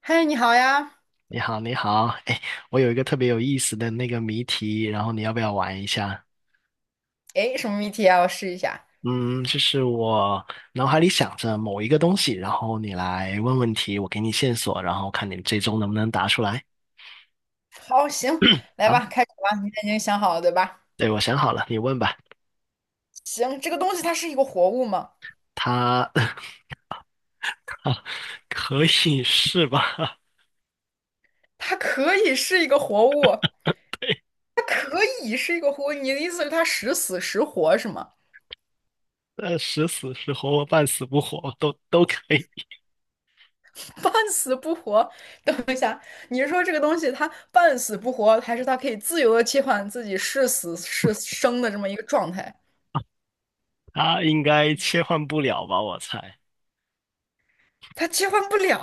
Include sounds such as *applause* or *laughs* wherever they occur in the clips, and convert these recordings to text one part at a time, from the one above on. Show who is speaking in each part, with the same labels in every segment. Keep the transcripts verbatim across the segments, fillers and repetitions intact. Speaker 1: 嗨，你好呀！
Speaker 2: 你好，你好，哎，我有一个特别有意思的那个谜题，然后你要不要玩一下？
Speaker 1: 哎，什么谜题啊？我试一下。
Speaker 2: 嗯，就是我脑海里想着某一个东西，然后你来问问题，我给你线索，然后看你最终能不能答出来。
Speaker 1: 好，行，来
Speaker 2: 好，
Speaker 1: 吧，开始吧。你已经想好了，对吧？
Speaker 2: 对，我想好了，你问吧。
Speaker 1: 行，这个东西它是一个活物吗？
Speaker 2: 它 *laughs* 可以是吧？*laughs*
Speaker 1: 它可以是一个活物，它可以是一个活物。你的意思是它时死时活是吗？
Speaker 2: 呃，时死时活，半死不活，都都可以。
Speaker 1: *laughs* 半死不活？等一下，你是说这个东西它半死不活，还是它可以自由的切换自己是死是生的这么一个状态？
Speaker 2: 他应该切换不了吧？我猜，
Speaker 1: 他切换不了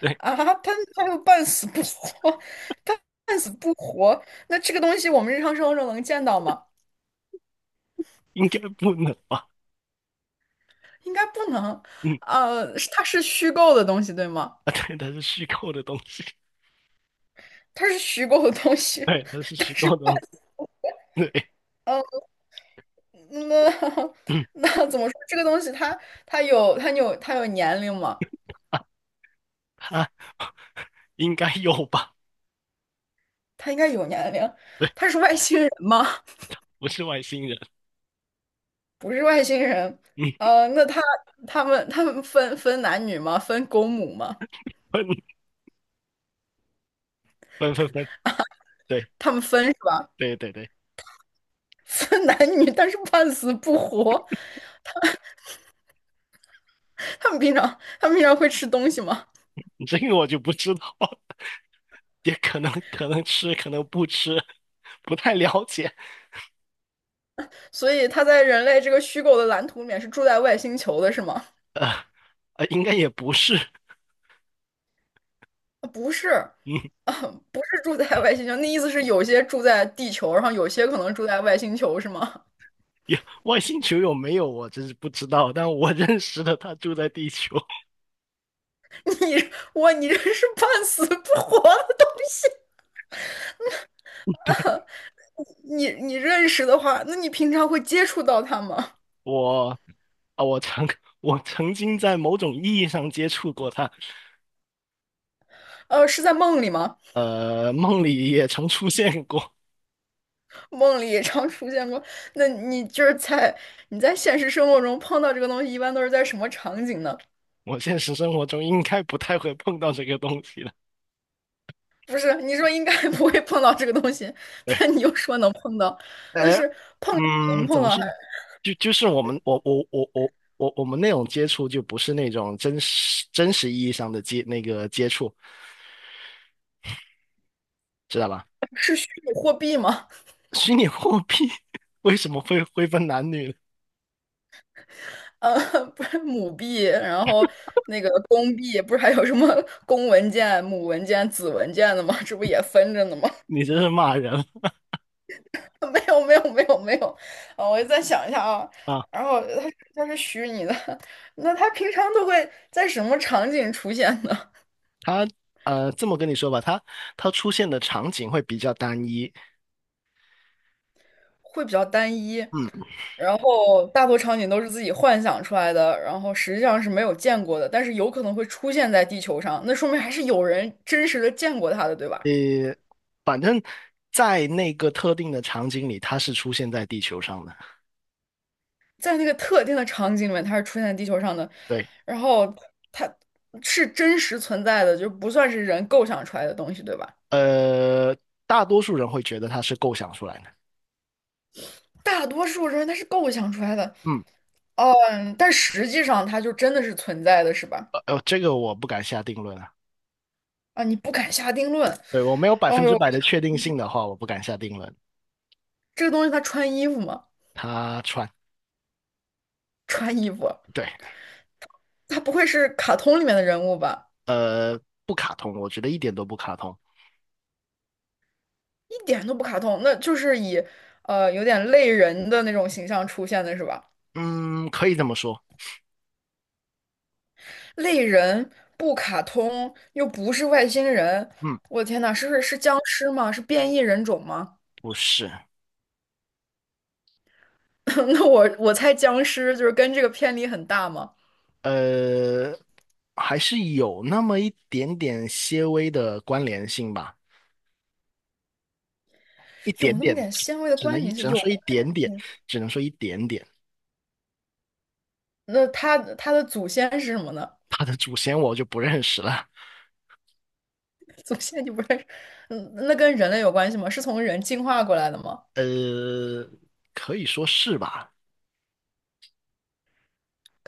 Speaker 2: 对，
Speaker 1: 啊，他他又半死不活，*laughs* 他半死不活。那这个东西我们日常生活中能见到吗？
Speaker 2: 应该不能吧？
Speaker 1: 应该不能。
Speaker 2: 嗯，
Speaker 1: 呃，是它是虚构的东西，对吗？
Speaker 2: 啊，对，它是虚构的东西。
Speaker 1: 它是虚构的东
Speaker 2: *laughs*
Speaker 1: 西，
Speaker 2: 对，它是
Speaker 1: *laughs* 但
Speaker 2: 虚
Speaker 1: 是
Speaker 2: 构的，
Speaker 1: 半
Speaker 2: *laughs* 对，
Speaker 1: 呃，那 *laughs*
Speaker 2: 嗯
Speaker 1: 那怎么说？这个东西它它有它有它有年龄吗？
Speaker 2: 啊啊，应该有吧？
Speaker 1: 它应该有年龄。
Speaker 2: 对，
Speaker 1: 它是外星人吗？
Speaker 2: 不是外星人，
Speaker 1: 不是外星人。
Speaker 2: 嗯，
Speaker 1: 呃，那他他们他们分分男女吗？分公母吗？
Speaker 2: 分分分分，对
Speaker 1: 他们分是吧？
Speaker 2: 对对对，
Speaker 1: 分男女，但是半死不活。他们平常他们平常会吃东西吗？
Speaker 2: 这个我就不知道，*laughs* 也可能可能吃，可能不吃，不太了解。
Speaker 1: 所以他在人类这个虚构的蓝图里面是住在外星球的，是吗？
Speaker 2: 呃，应该也不是，
Speaker 1: 啊不是，
Speaker 2: 嗯，
Speaker 1: 啊，不是住在外星球。那意思是有些住在地球，然后有些可能住在外星球，是吗？
Speaker 2: 也外星球有没有我真是不知道，但我认识的他住在地球。
Speaker 1: *laughs* 你我你这是半死不活的东西。
Speaker 2: *laughs* 对，
Speaker 1: 你你认识的话，那你平常会接触到他吗？
Speaker 2: 我啊，我曾我曾经在某种意义上接触过他。
Speaker 1: 呃，是在梦里吗？
Speaker 2: 呃，梦里也曾出现过。
Speaker 1: 梦里也常出现过。那你就是在你在现实生活中碰到这个东西，一般都是在什么场景呢？
Speaker 2: 我现实生活中应该不太会碰到这个东西了。
Speaker 1: 不是，你说应该不会碰到这个东西，
Speaker 2: 对，
Speaker 1: 但你又说能碰到，那
Speaker 2: 哎，
Speaker 1: 是碰不
Speaker 2: 嗯，怎
Speaker 1: 碰
Speaker 2: 么
Speaker 1: 到
Speaker 2: 说
Speaker 1: 还
Speaker 2: 呢？就就是我们我我我我我我们那种接触，就不是那种真实真实意义上的接那个接触，知道吧？
Speaker 1: 是虚拟货币吗？
Speaker 2: 虚拟货币 *laughs* 为什么会会分男女呢？
Speaker 1: 呃，不是母币，然后那个公币，不是还有什么公文件、母文件、子文件的吗？这不也分着呢吗？
Speaker 2: 你这是骂人！
Speaker 1: *laughs* 没有没有没有没有，啊，我再想一下啊。
Speaker 2: 啊！
Speaker 1: 然后他他是虚拟的，*laughs* 那他平常都会在什么场景出现呢？
Speaker 2: 它呃，这么跟你说吧，它它出现的场景会比较单一。
Speaker 1: *laughs* 会比较单一，
Speaker 2: 嗯，
Speaker 1: 然后大多场景都是自己幻想出来的，然后实际上是没有见过的，但是有可能会出现在地球上，那说明还是有人真实的见过他的，对吧？
Speaker 2: 呃，反正在那个特定的场景里，它是出现在地球上的。
Speaker 1: 在那个特定的场景里面，它是出现在地球上的，
Speaker 2: 对，
Speaker 1: 然后它是真实存在的，就不算是人构想出来的东西，对吧？
Speaker 2: 呃，大多数人会觉得它是构想出来的。
Speaker 1: 大多数人他是构想出来的，
Speaker 2: 嗯，
Speaker 1: 嗯，但实际上它就真的是存在的，是吧？
Speaker 2: 呃，呃这个我不敢下定论啊。
Speaker 1: 啊，你不敢下定论。
Speaker 2: 对，我没有百
Speaker 1: 哦
Speaker 2: 分之
Speaker 1: 呦，
Speaker 2: 百的确定性的话，我不敢下定论。
Speaker 1: 这个东西它穿衣服吗？
Speaker 2: 他穿，
Speaker 1: 穿衣服，
Speaker 2: 对，
Speaker 1: 它不会是卡通里面的人物吧？
Speaker 2: 呃，不卡通，我觉得一点都不卡通。
Speaker 1: 一点都不卡通，那就是以呃有点类人的那种形象出现的是吧？
Speaker 2: 嗯，可以这么说。
Speaker 1: 类人不卡通，又不是外星人，
Speaker 2: 嗯，
Speaker 1: 我的天呐，是是僵尸吗？是变异人种吗？
Speaker 2: 不是。
Speaker 1: *laughs* 那我我猜僵尸就是跟这个偏离很大吗？
Speaker 2: 呃，还是有那么一点点些微的关联性吧，一
Speaker 1: 有
Speaker 2: 点
Speaker 1: 那么
Speaker 2: 点，
Speaker 1: 点纤维的
Speaker 2: 只能
Speaker 1: 关
Speaker 2: 一，
Speaker 1: 联
Speaker 2: 只
Speaker 1: 性，
Speaker 2: 能
Speaker 1: 有
Speaker 2: 说一
Speaker 1: 关联
Speaker 2: 点点，
Speaker 1: 性
Speaker 2: 只能说一点点。
Speaker 1: 那它它的祖先是什么呢？
Speaker 2: 他的祖先我就不认识了。
Speaker 1: *laughs* 祖先你不认识？嗯，那跟人类有关系吗？是从人进化过来的吗？
Speaker 2: 呃，可以说是吧。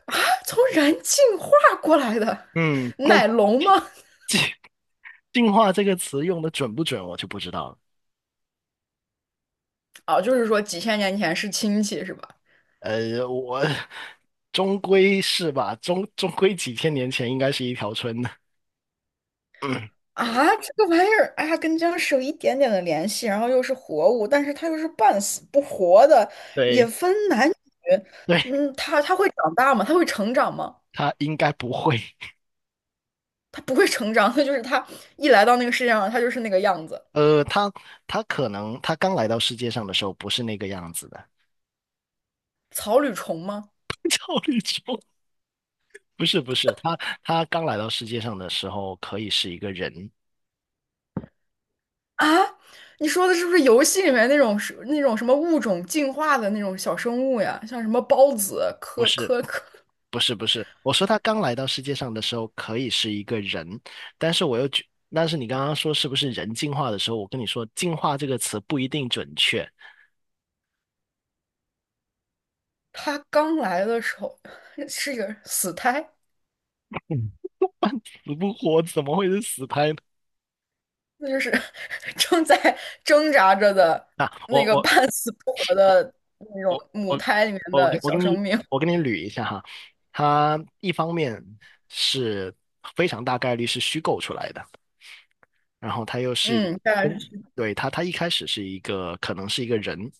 Speaker 1: *laughs* 从人进化过来的，
Speaker 2: 嗯，但
Speaker 1: 奶龙
Speaker 2: 进
Speaker 1: 吗？
Speaker 2: 进 *laughs* 进化这个词用的准不准，我就不知道了。
Speaker 1: 哦，就是说几千年前是亲戚是吧？
Speaker 2: 呃，我终归是吧，终终归几千年前应该是一条村的。*laughs*
Speaker 1: 啊，这个玩意儿，哎呀，跟僵尸有一点点的联系，然后又是活物，但是它又是半死不活的，也
Speaker 2: 对
Speaker 1: 分男女。
Speaker 2: 对，
Speaker 1: 嗯，它它会长大吗？它会成长吗？
Speaker 2: 他应该不会。
Speaker 1: 他不会成长，他就是他一来到那个世界上，他就是那个样子。
Speaker 2: 呃，他他可能他刚来到世界上的时候不是那个样子的。
Speaker 1: 草履虫吗？
Speaker 2: *laughs* 赵立忠不是不是，他他刚来到世界上的时候可以是一个人。
Speaker 1: 啊，你说的是不是游戏里面那种是那种什么物种进化的那种小生物呀？像什么孢子、
Speaker 2: 不
Speaker 1: 科
Speaker 2: 是
Speaker 1: 科科，
Speaker 2: 不是不是，我说他刚来到世界上的时候可以是一个人，但是我又觉，但是你刚刚说是不是人进化的时候，我跟你说"进化"这个词不一定准确。
Speaker 1: 他刚来的时候是一个死胎，
Speaker 2: 嗯死不活怎么会是死胎呢？
Speaker 1: 那就是 *laughs* 正在挣扎着的
Speaker 2: 啊，
Speaker 1: 那
Speaker 2: 我
Speaker 1: 个
Speaker 2: 我
Speaker 1: 半死不活的那种
Speaker 2: 我
Speaker 1: 母
Speaker 2: 我
Speaker 1: 胎里面
Speaker 2: 我给
Speaker 1: 的
Speaker 2: 我给
Speaker 1: 小生
Speaker 2: 你
Speaker 1: 命。
Speaker 2: 我给你捋一下哈，他一方面是非常大概率是虚构出来的，然后他又是，
Speaker 1: 嗯，大概
Speaker 2: 嗯，
Speaker 1: 是
Speaker 2: 对，他他一开始是一个可能是一个人，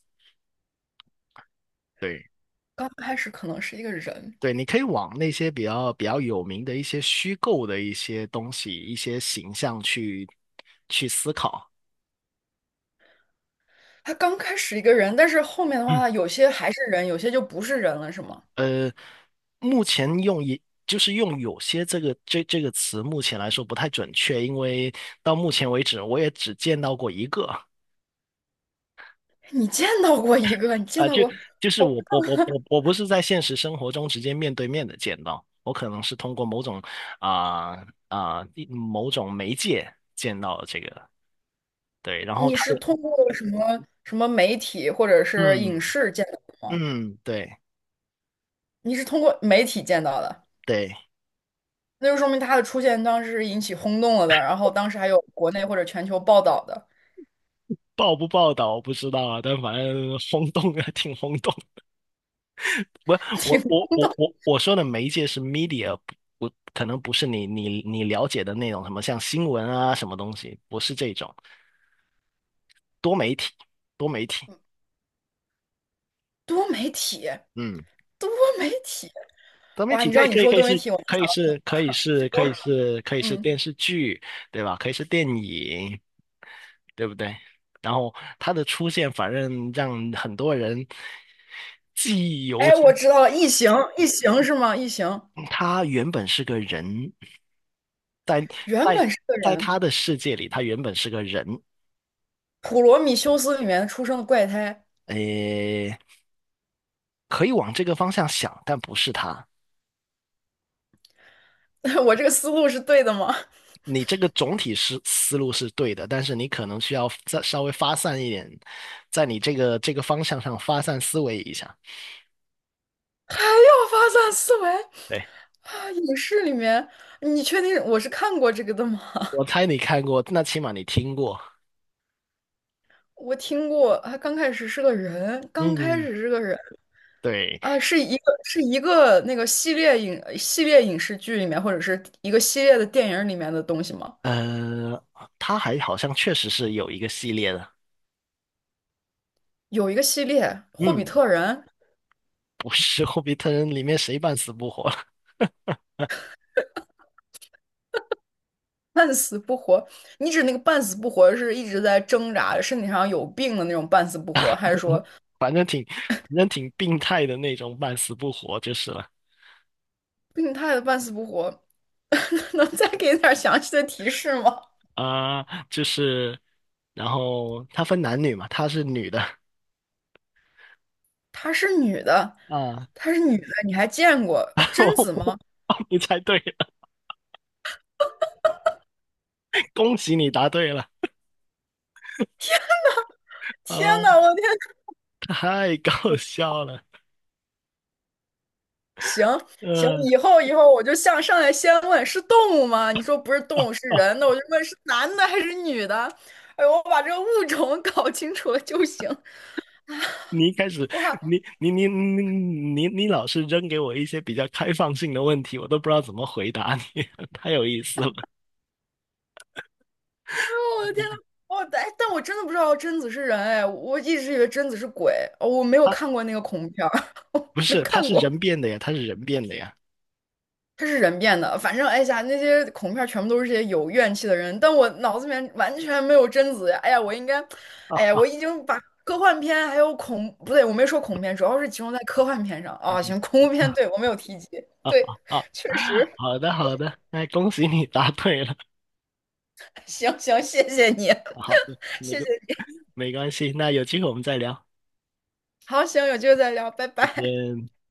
Speaker 2: 对。
Speaker 1: 刚开始可能是一个人，
Speaker 2: 对，你可以往那些比较比较有名的一些虚构的一些东西、一些形象去去思考。
Speaker 1: 他刚开始一个人，但是后面的
Speaker 2: 嗯
Speaker 1: 话，有些还是人，有些就不是人了，是吗？
Speaker 2: 呃，目前用一”就是用"有些"这个这这个词，目前来说不太准确，因为到目前为止，我也只见到过一个。
Speaker 1: *laughs* 你见到过一个？你见
Speaker 2: 啊、
Speaker 1: 到
Speaker 2: 就
Speaker 1: 过？
Speaker 2: 就是我我我我我不是在现实生活中直接面对面的见到，我可能是通过某种啊啊、一某种媒介见到这个，对，然后
Speaker 1: 你
Speaker 2: 他
Speaker 1: 是通
Speaker 2: 也。
Speaker 1: 过什么什么媒体或者是影
Speaker 2: 嗯。
Speaker 1: 视见到
Speaker 2: 嗯，对
Speaker 1: 你是通过媒体见到的，
Speaker 2: 对，
Speaker 1: 那就说明他的出现当时是引起轰动了的，然后当时还有国内或者全球报道的，
Speaker 2: 报不报道我不知道啊，但反正轰动啊，挺轰动的。不，我
Speaker 1: 挺
Speaker 2: 我我
Speaker 1: 酷
Speaker 2: 我我说的媒介是 media。不，不可能不是你你你了解的那种什么像新闻啊什么东西，不是这种多媒体，多媒体。
Speaker 1: 多媒体，
Speaker 2: 嗯，
Speaker 1: 多媒体，
Speaker 2: 多媒
Speaker 1: 哇！
Speaker 2: 体
Speaker 1: 你知
Speaker 2: 可
Speaker 1: 道
Speaker 2: 以
Speaker 1: 你
Speaker 2: 可以
Speaker 1: 说
Speaker 2: 可以
Speaker 1: 多媒
Speaker 2: 是
Speaker 1: 体，我
Speaker 2: 可以是可以是可以
Speaker 1: 我
Speaker 2: 是可以是
Speaker 1: 嗯，
Speaker 2: 电视剧，对吧？可以是电影，对不对？然后它的出现，反正让很多人记忆犹
Speaker 1: 哎，我
Speaker 2: 新。
Speaker 1: 知道了，异形，异形是吗？异形
Speaker 2: 他原本是个人，在
Speaker 1: 原
Speaker 2: 在
Speaker 1: 本是个
Speaker 2: 在
Speaker 1: 人，
Speaker 2: 他的世界里，他原本是个人。
Speaker 1: 《普罗米修斯》里面出生的怪胎。
Speaker 2: 诶，可以往这个方向想，但不是他。
Speaker 1: *laughs* 我这个思路是对的吗？
Speaker 2: 你这个总体是思路是对的，但是你可能需要再稍微发散一点，在你这个这个方向上发散思维一下。
Speaker 1: 还要发散思维
Speaker 2: 对，
Speaker 1: 啊！影视里面，你确定我是看过这个的吗？
Speaker 2: 我
Speaker 1: *laughs*
Speaker 2: 猜你看过，那起码你听过。
Speaker 1: 我听过，啊，刚开始是个人，刚开
Speaker 2: 嗯，
Speaker 1: 始是个人
Speaker 2: 对，
Speaker 1: 啊，是一个是一个那个系列影系列影视剧里面，或者是一个系列的电影里面的东西吗？
Speaker 2: 呃，他还好像确实是有一个系列的。
Speaker 1: 有一个系列《霍比
Speaker 2: 嗯，
Speaker 1: 特人》，
Speaker 2: 不是《<laughs> 霍比特人》里面谁半死不活。
Speaker 1: 半死不活。你指那个半死不活是一直在挣扎，身体上有病的那种半死不活，还是说？
Speaker 2: 反正挺病态的那种，半死不活就是了。
Speaker 1: 病态的半死不活，*laughs* 能再给点儿详细的提示吗？
Speaker 2: 啊、就是，然后他分男女嘛，她是女的
Speaker 1: 她是女的，
Speaker 2: 啊。
Speaker 1: 她是女的，你还见过呃
Speaker 2: *laughs*
Speaker 1: 贞
Speaker 2: 我
Speaker 1: 子吗？
Speaker 2: 哦你猜对了，恭喜你答对了。
Speaker 1: 天
Speaker 2: 啊、
Speaker 1: 呐，我的天！
Speaker 2: 太搞笑了。
Speaker 1: 行，
Speaker 2: 嗯、
Speaker 1: 以后以后我就向上来先问是动物吗？你说不是动物是
Speaker 2: 呃、哦，
Speaker 1: 人的，我就问是男的还是女的。哎呦，我把这个物种 *laughs* 搞清楚了就行。
Speaker 2: 你一开始
Speaker 1: 哇，哦
Speaker 2: 你你你你你你老是扔给我一些比较开放性的问题，我都不知道怎么回答你，*laughs* 太有意思了。
Speaker 1: 我的天呐，我但但我真的不知道贞子是人哎，我一直以为贞子是鬼，哦，我没有
Speaker 2: 啊，
Speaker 1: 看过那个恐怖片儿，*laughs* 我
Speaker 2: 不
Speaker 1: 没
Speaker 2: 是，他
Speaker 1: 看
Speaker 2: 是
Speaker 1: 过。
Speaker 2: 人变的呀，他是人变的呀。
Speaker 1: 它是人变的，反正哎呀，那些恐怖片儿全部都是这些有怨气的人，但我脑子里面完全没有贞子呀！哎呀，我应该，哎呀，我
Speaker 2: 啊，
Speaker 1: 已经把科幻片还有恐，不对，我没说恐怖片，主要是集中在科幻片上啊。行，恐怖片，对，我没有提及，对，
Speaker 2: *laughs* 啊，
Speaker 1: 确实，
Speaker 2: 好的好的，那恭喜你答对了。
Speaker 1: *laughs* 行行，谢谢你，
Speaker 2: 好的，
Speaker 1: *laughs*
Speaker 2: 那
Speaker 1: 谢谢
Speaker 2: 个
Speaker 1: 你，
Speaker 2: 没关系，那有机会我们再聊，
Speaker 1: 好，行，有机会再聊，拜
Speaker 2: 再
Speaker 1: 拜。
Speaker 2: 见。